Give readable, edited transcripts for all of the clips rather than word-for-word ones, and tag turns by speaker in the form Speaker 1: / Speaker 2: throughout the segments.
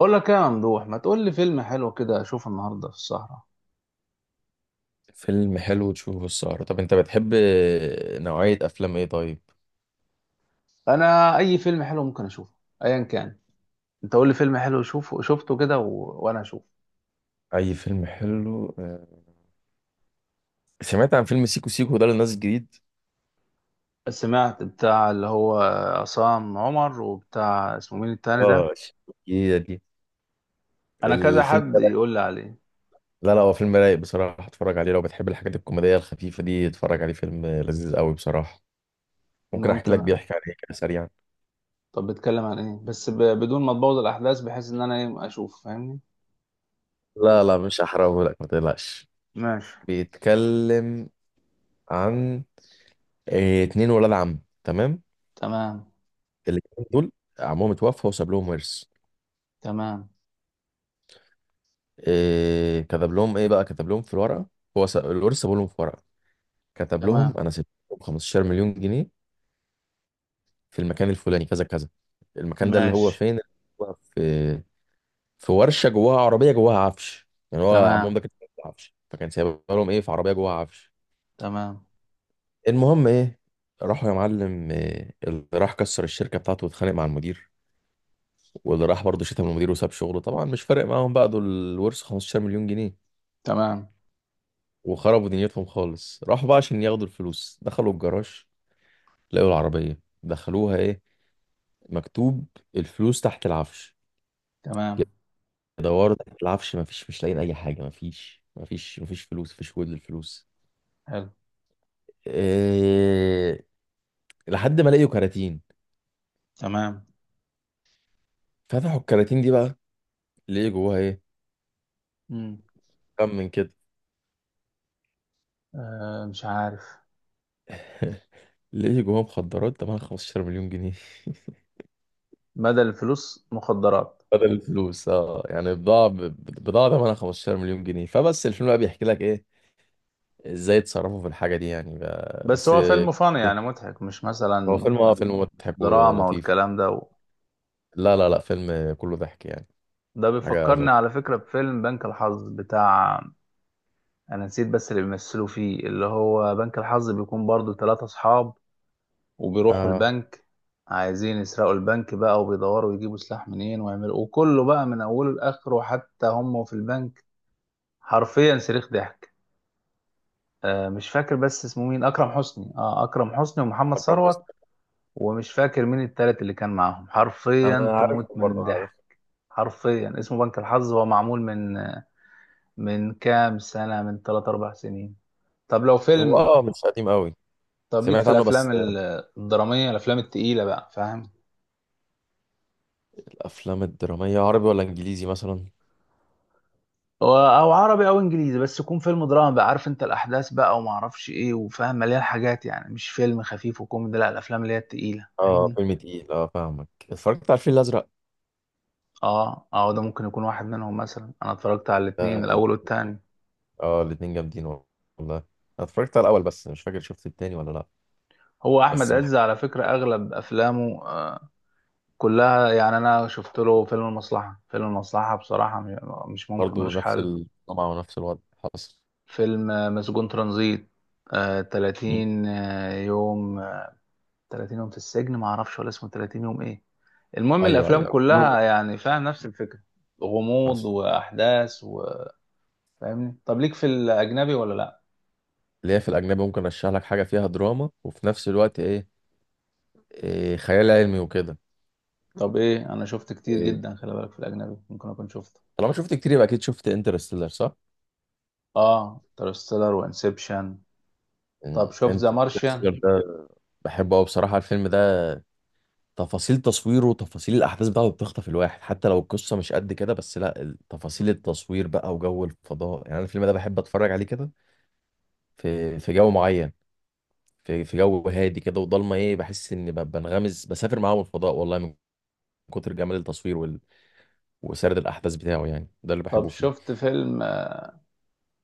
Speaker 1: اقول لك ايه يا ممدوح؟ ما تقول لي فيلم حلو كده اشوفه النهارده في السهره.
Speaker 2: فيلم حلو تشوفه السهرة؟ طب انت بتحب نوعية افلام ايه طيب؟
Speaker 1: انا اي فيلم حلو ممكن اشوفه، ايا كان. انت قول لي فيلم حلو شوفه شفته كده وانا اشوفه.
Speaker 2: اي فيلم حلو. سمعت عن فيلم سيكو سيكو ده اللي نازل جديد.
Speaker 1: سمعت بتاع اللي هو عصام عمر وبتاع، اسمه مين التاني ده؟
Speaker 2: اه. جديدة دي؟
Speaker 1: انا كذا
Speaker 2: الفيلم
Speaker 1: حد
Speaker 2: ده رايق؟
Speaker 1: يقول لي عليه.
Speaker 2: لا لا، هو فيلم رايق بصراحة. اتفرج عليه، لو بتحب الحاجات الكوميدية الخفيفة دي اتفرج عليه، فيلم لذيذ قوي بصراحة. ممكن احكي لك
Speaker 1: ممكن أ-
Speaker 2: بيحكي عن ايه كده سريعا؟
Speaker 1: طب بيتكلم عن ايه بس بدون ما تبوظ الاحداث، بحيث ان انا ايه اشوف، فاهمني؟
Speaker 2: لا لا، مش هحرقه لك ما تقلقش.
Speaker 1: ماشي.
Speaker 2: بيتكلم عن اتنين ولاد عم، تمام.
Speaker 1: تمام.
Speaker 2: الاتنين دول، عمهم اتوفى وساب لهم ورث.
Speaker 1: تمام.
Speaker 2: إيه كتب لهم ايه بقى، كتب لهم في الورقه. هو الورث سابوا لهم في ورقه، كتب لهم:
Speaker 1: تمام.
Speaker 2: انا سبت لكم 15 مليون جنيه في المكان الفلاني كذا كذا. المكان ده اللي هو
Speaker 1: ماشي.
Speaker 2: فين، هو في ورشه جواها عربيه جواها عفش، يعني هو عمهم
Speaker 1: تمام.
Speaker 2: ده كان في عفش، فكان سايب لهم ايه في عربيه جواها عفش.
Speaker 1: تمام.
Speaker 2: المهم ايه، راحوا يا معلم، إيه اللي راح كسر الشركه بتاعته واتخانق مع المدير، واللي راح برضه شتم المدير وساب شغله، طبعا مش فارق معاهم بقى دول الورث 15 مليون جنيه.
Speaker 1: تمام.
Speaker 2: وخربوا دنيتهم خالص. راحوا بقى عشان ياخدوا الفلوس، دخلوا الجراج لقوا العربية دخلوها، ايه مكتوب؟ الفلوس تحت العفش.
Speaker 1: تمام.
Speaker 2: يدوروا تحت العفش، مفيش، مش لاقيين اي حاجة، مفيش مفيش مفيش فلوس، مفيش وجود للفلوس.
Speaker 1: حلو.
Speaker 2: إيه... لحد ما لقيوا كراتين،
Speaker 1: تمام.
Speaker 2: فتحوا الكراتين دي بقى، لقيوا جواها ايه،
Speaker 1: مم.
Speaker 2: كم من كده.
Speaker 1: آه مش عارف.
Speaker 2: لقيوا جواها مخدرات تمنها 15 مليون جنيه،
Speaker 1: بدل الفلوس مخدرات؟
Speaker 2: بدل الفلوس اه، يعني بضاعة تمنها 15 مليون جنيه. فبس الفيلم بقى بيحكي لك ايه، ازاي اتصرفوا في الحاجة دي، يعني
Speaker 1: بس
Speaker 2: بس.
Speaker 1: هو فيلم فن يعني مضحك، مش
Speaker 2: هو
Speaker 1: مثلا
Speaker 2: فيلم اه، فيلم مضحك
Speaker 1: دراما
Speaker 2: ولطيف.
Speaker 1: والكلام ده
Speaker 2: لا لا لا، فيلم كله ضحك يعني.
Speaker 1: ده
Speaker 2: حاجة
Speaker 1: بيفكرني على
Speaker 2: ظريفة.
Speaker 1: فكرة بفيلم بنك الحظ بتاع، أنا نسيت بس اللي بيمثلوا فيه. اللي هو بنك الحظ بيكون برضو ثلاثة أصحاب وبيروحوا
Speaker 2: اه،
Speaker 1: البنك، عايزين يسرقوا البنك بقى، وبيدوروا يجيبوا سلاح منين ويعملوا، وكله بقى من أوله لآخره حتى هم في البنك حرفيا صريخ ضحك. آه مش فاكر بس اسمه مين، أكرم حسني؟ آه أكرم حسني ومحمد
Speaker 2: أكرم حسني.
Speaker 1: ثروت، ومش فاكر مين التالت اللي كان معاهم. حرفيا
Speaker 2: انا عارفه،
Speaker 1: تموت من
Speaker 2: برضه عارف.
Speaker 1: الضحك. حرفيا اسمه بنك الحظ، هو معمول من كام سنة؟ من 3 4 سنين. طب لو
Speaker 2: هو
Speaker 1: فيلم،
Speaker 2: اه، مش قديم قوي،
Speaker 1: طب ليك في
Speaker 2: سمعت عنه بس.
Speaker 1: الافلام الدرامية، الافلام التقيلة بقى، فاهم؟
Speaker 2: الافلام الدرامية عربي ولا انجليزي مثلا؟
Speaker 1: او عربي او انجليزي، بس يكون فيلم دراما بقى، عارف انت الاحداث بقى، وما اعرفش ايه، وفاهم، مليان حاجات، يعني مش فيلم خفيف وكوميدي، لا الافلام اللي هي التقيلة،
Speaker 2: اه
Speaker 1: فاهمني؟
Speaker 2: فيلم تقيل، اه فاهمك. اتفرجت على الفيل الازرق؟
Speaker 1: اه اه، ده ممكن يكون واحد منهم مثلا. انا اتفرجت على الاتنين،
Speaker 2: اه.
Speaker 1: الاول والتاني.
Speaker 2: الاتنين جامدين والله. انا اتفرجت على الاول بس، مش فاكر شفت التاني ولا لا.
Speaker 1: هو احمد
Speaker 2: بس من
Speaker 1: عز على
Speaker 2: الحاجات.
Speaker 1: فكره اغلب افلامه كلها يعني. انا شفت له فيلم المصلحه، فيلم المصلحه بصراحه مش ممكن،
Speaker 2: برضه
Speaker 1: ملوش
Speaker 2: نفس
Speaker 1: حل.
Speaker 2: الطمع ونفس الوضع حصل.
Speaker 1: فيلم مسجون ترانزيت،
Speaker 2: مم.
Speaker 1: 30 يوم 30 يوم في السجن، ما اعرفش ولا اسمه 30 يوم ايه. المهم
Speaker 2: ايوه
Speaker 1: الافلام
Speaker 2: ايوه، كلهم
Speaker 1: كلها يعني فيها نفس الفكره، غموض
Speaker 2: حصل.
Speaker 1: واحداث، وفاهمني. طب ليك في الاجنبي ولا لا؟
Speaker 2: اللي هي في الأجنبي ممكن أرشح لك حاجة فيها دراما وفي نفس الوقت إيه، خيال علمي وكده.
Speaker 1: طب ايه، انا شفت كتير
Speaker 2: إيه.
Speaker 1: جدا، خلي بالك، في الاجنبي ممكن اكون شفته.
Speaker 2: طالما شفت كتير يبقى أكيد شفت انترستيلر صح؟
Speaker 1: اه انترستيلر وانسبشن. طب شفت ذا مارشيان؟
Speaker 2: انترستيلر ده بحبه أوي بصراحة الفيلم ده، تفاصيل تصويره وتفاصيل الأحداث بتاعته بتخطف الواحد، حتى لو القصة مش قد كده، بس لا تفاصيل التصوير بقى وجو الفضاء. يعني أنا الفيلم ده بحب أتفرج عليه كده، في جو معين، في جو هادي كده وضلمة إيه، بحس إني بنغمس بسافر معاهم الفضاء والله، من كتر جمال التصوير وسرد الأحداث بتاعه، يعني ده اللي
Speaker 1: طب
Speaker 2: بحبه فيه.
Speaker 1: شفت فيلم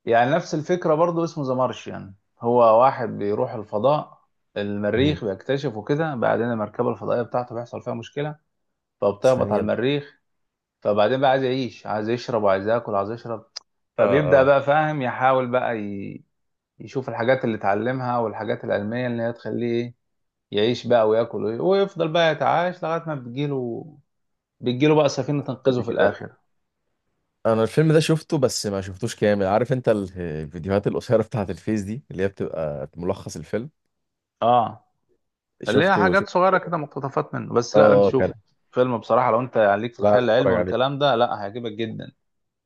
Speaker 1: يعني نفس الفكرة برضو اسمه ذا مارشيان؟ هو واحد بيروح الفضاء، المريخ، بيكتشف وكده. بعدين المركبة الفضائية بتاعته بيحصل فيها مشكلة، فبتهبط على
Speaker 2: ثانية ب-
Speaker 1: المريخ. فبعدين بقى عايز يعيش، عايز يشرب، وعايز ياكل، عايز يشرب.
Speaker 2: اه
Speaker 1: فبيبدأ
Speaker 2: اه،
Speaker 1: بقى، فاهم، يحاول بقى يشوف الحاجات اللي اتعلمها، والحاجات العلمية اللي هي تخليه إيه، يعيش بقى وياكل ويفضل بقى يتعايش لغاية ما بتجيله. بتجيله بقى سفينة تنقذه
Speaker 2: ثانية
Speaker 1: في
Speaker 2: كده أخبط.
Speaker 1: الآخر.
Speaker 2: انا الفيلم ده شفته بس ما شفتوش كامل، عارف انت الفيديوهات القصيرة بتاعة الفيس دي اللي هي بتبقى ملخص الفيلم،
Speaker 1: اه اللي هي
Speaker 2: شفته شفته.
Speaker 1: حاجات صغيرة كده مقتطفات منه، بس لا لازم
Speaker 2: اه كان.
Speaker 1: تشوفه. فيلم بصراحة لو انت يعني ليك في
Speaker 2: لا،
Speaker 1: الخيال
Speaker 2: عايز
Speaker 1: العلمي
Speaker 2: اتفرج عليه
Speaker 1: والكلام ده، لا هيعجبك جدا.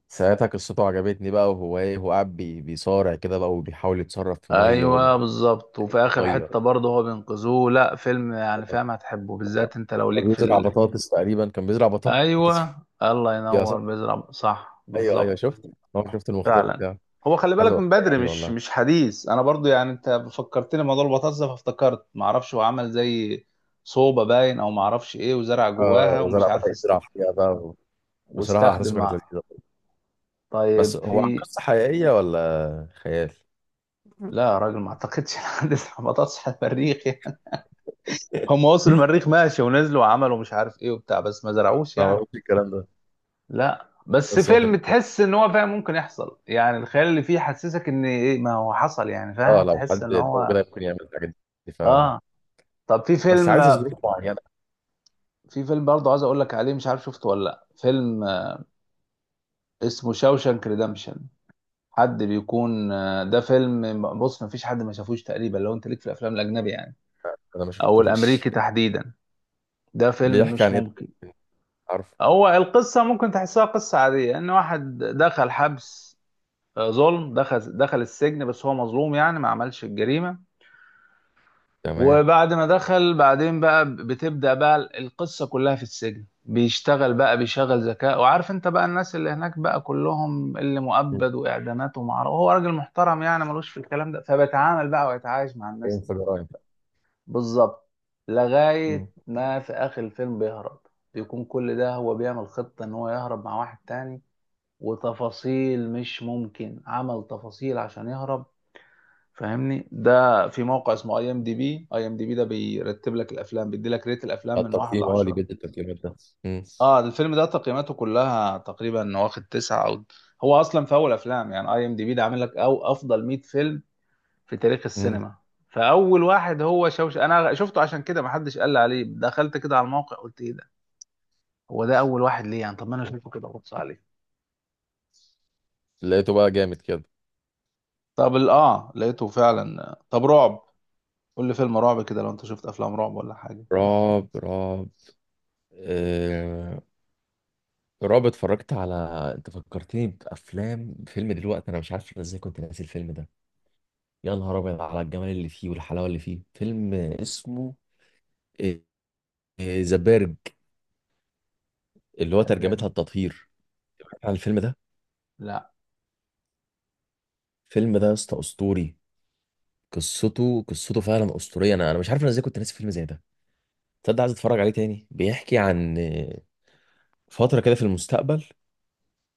Speaker 2: ساعتها، قصته عجبتني بقى، وهو ايه هو قاعد بيصارع كده بقى وبيحاول يتصرف في مية
Speaker 1: ايوه
Speaker 2: وبيحط
Speaker 1: بالظبط، وفي اخر
Speaker 2: مية،
Speaker 1: حتة برضه هو بينقذوه. لا فيلم يعني فاهم هتحبه، بالذات انت لو
Speaker 2: هو
Speaker 1: ليك في
Speaker 2: بيزرع بطاطس تقريبا، كان بيزرع بطاطس
Speaker 1: ايوه الله
Speaker 2: فيها
Speaker 1: ينور،
Speaker 2: صح.
Speaker 1: بيزرع، صح
Speaker 2: ايوه ايوه،
Speaker 1: بالظبط.
Speaker 2: شفت. هو شفت المختار
Speaker 1: فعلا.
Speaker 2: بتاعه.
Speaker 1: هو خلي
Speaker 2: عايز
Speaker 1: بالك
Speaker 2: ابقى
Speaker 1: من
Speaker 2: اتفرج
Speaker 1: بدري،
Speaker 2: عليه والله.
Speaker 1: مش حديث، انا برضه يعني انت فكرتني موضوع البطاطس ده فافتكرت، معرفش هو عمل زي صوبة باين او معرفش ايه، وزرع
Speaker 2: اه،
Speaker 1: جواها ومش
Speaker 2: وزرع
Speaker 1: عارف
Speaker 2: بطاطس بيزرع فيها بقى. بصراحة
Speaker 1: واستخدم
Speaker 2: احداثه كانت
Speaker 1: مع.
Speaker 2: لذيذة. بس
Speaker 1: طيب
Speaker 2: هو عن
Speaker 1: في،
Speaker 2: قصة حقيقية ولا خيال؟
Speaker 1: لا يا راجل ما اعتقدش الحدث بطاطس على المريخ يعني. هم وصلوا المريخ، ماشي، ونزلوا وعملوا مش عارف ايه وبتاع، بس ما زرعوش
Speaker 2: ما
Speaker 1: يعني.
Speaker 2: بعرفش الكلام ده.
Speaker 1: لا بس
Speaker 2: بس هو في
Speaker 1: فيلم
Speaker 2: الحقيقة،
Speaker 1: تحس ان هو، فاهم، ممكن يحصل. يعني الخيال اللي فيه حسسك ان ايه، ما هو حصل يعني،
Speaker 2: اه
Speaker 1: فاهم،
Speaker 2: لو
Speaker 1: تحس
Speaker 2: حد
Speaker 1: ان
Speaker 2: لو
Speaker 1: هو،
Speaker 2: كده ممكن يعمل الحاجات دي فعلا.
Speaker 1: اه. طب في
Speaker 2: بس
Speaker 1: فيلم،
Speaker 2: عايز ظروف معينة.
Speaker 1: في فيلم برضه عايز اقول لك عليه، مش عارف شفته ولا لا، فيلم اسمه شاوشانك ريدمشن، حد بيكون. ده فيلم بص، ما فيش حد ما شافوش تقريبا، لو انت ليك في الافلام الاجنبي يعني،
Speaker 2: أنا ما
Speaker 1: او
Speaker 2: شفتوش.
Speaker 1: الامريكي تحديدا، ده فيلم
Speaker 2: بيحكي
Speaker 1: مش
Speaker 2: عن إيه؟
Speaker 1: ممكن.
Speaker 2: عارف.
Speaker 1: هو القصة ممكن تحسها قصة عادية، ان واحد دخل حبس، ظلم، دخل السجن، بس هو مظلوم يعني ما عملش الجريمة.
Speaker 2: تمام.
Speaker 1: وبعد ما دخل بعدين بقى بتبدأ بقى القصة كلها في السجن، بيشتغل بقى، بيشغل ذكاء، وعارف انت بقى الناس اللي هناك بقى كلهم اللي
Speaker 2: مم.
Speaker 1: مؤبد واعدامات، ومعرفة هو راجل محترم يعني، ملوش في الكلام ده، فبيتعامل بقى ويتعايش مع الناس
Speaker 2: فين
Speaker 1: دي.
Speaker 2: في جرايم.
Speaker 1: بالظبط. لغاية
Speaker 2: مم.
Speaker 1: ما في آخر الفيلم بيهرب. بيكون كل ده هو بيعمل خطة ان هو يهرب مع واحد تاني، وتفاصيل مش ممكن، عمل تفاصيل عشان يهرب، فاهمني؟ ده في موقع اسمه اي ام دي بي، اي ام دي بي ده بيرتب لك الافلام، بيدي لك ريت الافلام من واحد
Speaker 2: التقييم اه، اللي
Speaker 1: لعشرة.
Speaker 2: بيدي التقييمات ده. مم.
Speaker 1: اه الفيلم ده تقييماته كلها تقريبا واخد تسعة او، هو اصلا في اول افلام يعني، اي ام دي بي ده عامل لك او افضل 100 فيلم في تاريخ
Speaker 2: مم.
Speaker 1: السينما. فاول واحد هو شوش، انا شفته عشان كده، ما حدش قال لي عليه، دخلت كده على الموقع قلت ايه ده، هو ده اول واحد ليه يعني؟ طب ما انا اشوفه كده وابص عليه.
Speaker 2: لقيته بقى جامد كده.
Speaker 1: طب اه لقيته فعلا. طب رعب، قول لي فيلم رعب كده، لو انت شفت افلام رعب ولا حاجه.
Speaker 2: رعب رعب. آه... رعب اتفرجت على، انت فكرتني بافلام، فيلم دلوقتي انا مش عارف أنا ازاي كنت ناسي الفيلم ده. يا نهار ابيض على الجمال اللي فيه والحلاوه اللي فيه! فيلم اسمه آه، ذا بيرج، اللي هو
Speaker 1: ده
Speaker 2: ترجمتها
Speaker 1: بيعمل-
Speaker 2: التطهير. سمعت عن الفيلم ده؟
Speaker 1: لا.
Speaker 2: الفيلم ده يا اسطى اسطوري. قصته قصته فعلا اسطوريه، انا مش عارف انا ازاي كنت ناسي فيلم زي ده. تصدق عايز اتفرج عليه تاني. بيحكي عن فتره كده في المستقبل،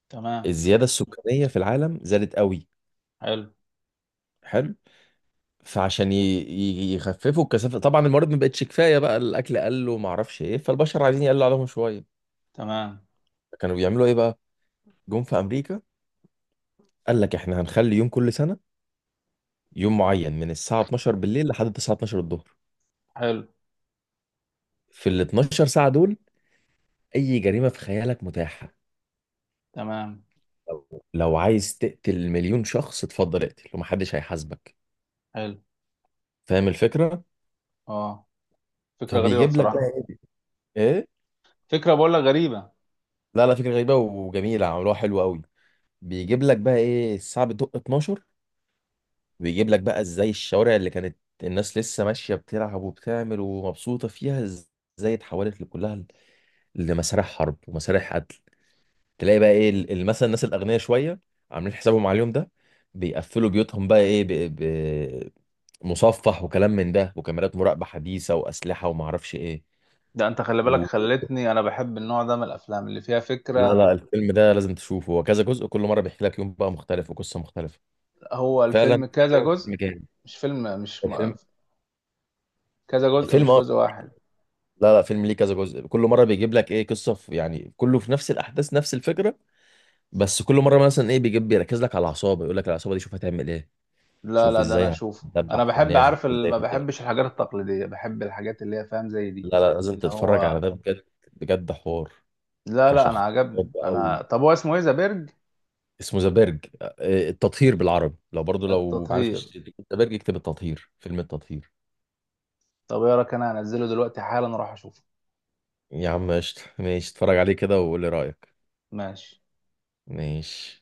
Speaker 1: تمام.
Speaker 2: الزياده السكانيه في العالم زادت قوي.
Speaker 1: حلو.
Speaker 2: حلو. فعشان يخففوا الكثافه، طبعا الموارد ما بقتش كفايه، بقى الاكل قل وما اعرفش ايه، فالبشر عايزين يقلوا عليهم شويه.
Speaker 1: تمام.
Speaker 2: كانوا بيعملوا ايه بقى؟ جم في امريكا، قال لك احنا هنخلي يوم كل سنه، يوم معين من الساعه 12 بالليل لحد الساعه 12 الظهر،
Speaker 1: حلو.
Speaker 2: في ال 12 ساعه دول اي جريمه في خيالك متاحه،
Speaker 1: تمام.
Speaker 2: لو عايز تقتل مليون شخص اتفضل اقتل، ومحدش هيحاسبك،
Speaker 1: حلو.
Speaker 2: فاهم الفكره؟
Speaker 1: اه. فكره غريبه
Speaker 2: فبيجيب لك بقى
Speaker 1: بصراحه.
Speaker 2: ايه.
Speaker 1: فكره بقول لك غريبه.
Speaker 2: لا لا، فكره غريبه وجميله عملوها حلو قوي. بيجيب لك بقى ايه الساعه بتدق 12، ويجيب لك بقى ازاي الشوارع اللي كانت الناس لسه ماشيه بتلعب وبتعمل ومبسوطه فيها، ازاي اتحولت لكلها، لمسارح حرب ومسارح قتل. تلاقي بقى ايه مثلا الناس الاغنياء شويه عاملين حسابهم على اليوم ده، بيقفلوا بيوتهم بقى ايه مصفح وكلام من ده وكاميرات مراقبه حديثه واسلحه وما اعرفش ايه
Speaker 1: ده انت خلي بالك،
Speaker 2: و...
Speaker 1: خلتني انا بحب النوع ده من الافلام اللي فيها
Speaker 2: لا
Speaker 1: فكره.
Speaker 2: لا، الفيلم ده لازم تشوفه. هو كذا جزء، كل مره بيحكي لك يوم بقى مختلف وقصه مختلفه.
Speaker 1: هو
Speaker 2: فعلا.
Speaker 1: الفيلم كذا
Speaker 2: فعلا
Speaker 1: جزء؟
Speaker 2: فيلم جامد.
Speaker 1: مش فيلم مش م...
Speaker 2: الفيلم،
Speaker 1: كذا جزء
Speaker 2: فيلم
Speaker 1: مش
Speaker 2: اه،
Speaker 1: جزء واحد؟
Speaker 2: لا لا فيلم ليه كذا جزء، كل مره بيجيب لك ايه قصه في، يعني كله في نفس الاحداث نفس الفكره، بس كل مره مثلا ايه بيجيب بيركز لك على العصابه، يقول لك العصابه دي شوف هتعمل ايه،
Speaker 1: لا
Speaker 2: شوف
Speaker 1: لا ده انا
Speaker 2: ازاي
Speaker 1: اشوفه،
Speaker 2: هتدبح
Speaker 1: انا
Speaker 2: في
Speaker 1: بحب،
Speaker 2: الناس، شوف
Speaker 1: عارف ما
Speaker 2: ازاي.
Speaker 1: بحبش الحاجات التقليديه، بحب الحاجات اللي هي، فاهم، زي دي.
Speaker 2: لا لا، لازم
Speaker 1: اللي
Speaker 2: تتفرج
Speaker 1: هو،
Speaker 2: على ده بجد، بجد حوار.
Speaker 1: لا لا انا
Speaker 2: كشخص.
Speaker 1: عجبني
Speaker 2: او،
Speaker 1: انا. طب هو اسمه ايه، ذا بيرج؟
Speaker 2: اسمه ذا بيرج، التطهير بالعربي، لو برضو لو ما عرفتش
Speaker 1: التطهير.
Speaker 2: تكتب ذا بيرج اكتب التطهير، فيلم التطهير.
Speaker 1: طب ايه رايك، انا هنزله دلوقتي حالا اروح اشوفه.
Speaker 2: يا عم قشطة، ماشي اتفرج عليه كده وقول لي رأيك.
Speaker 1: ماشي.
Speaker 2: ماشي.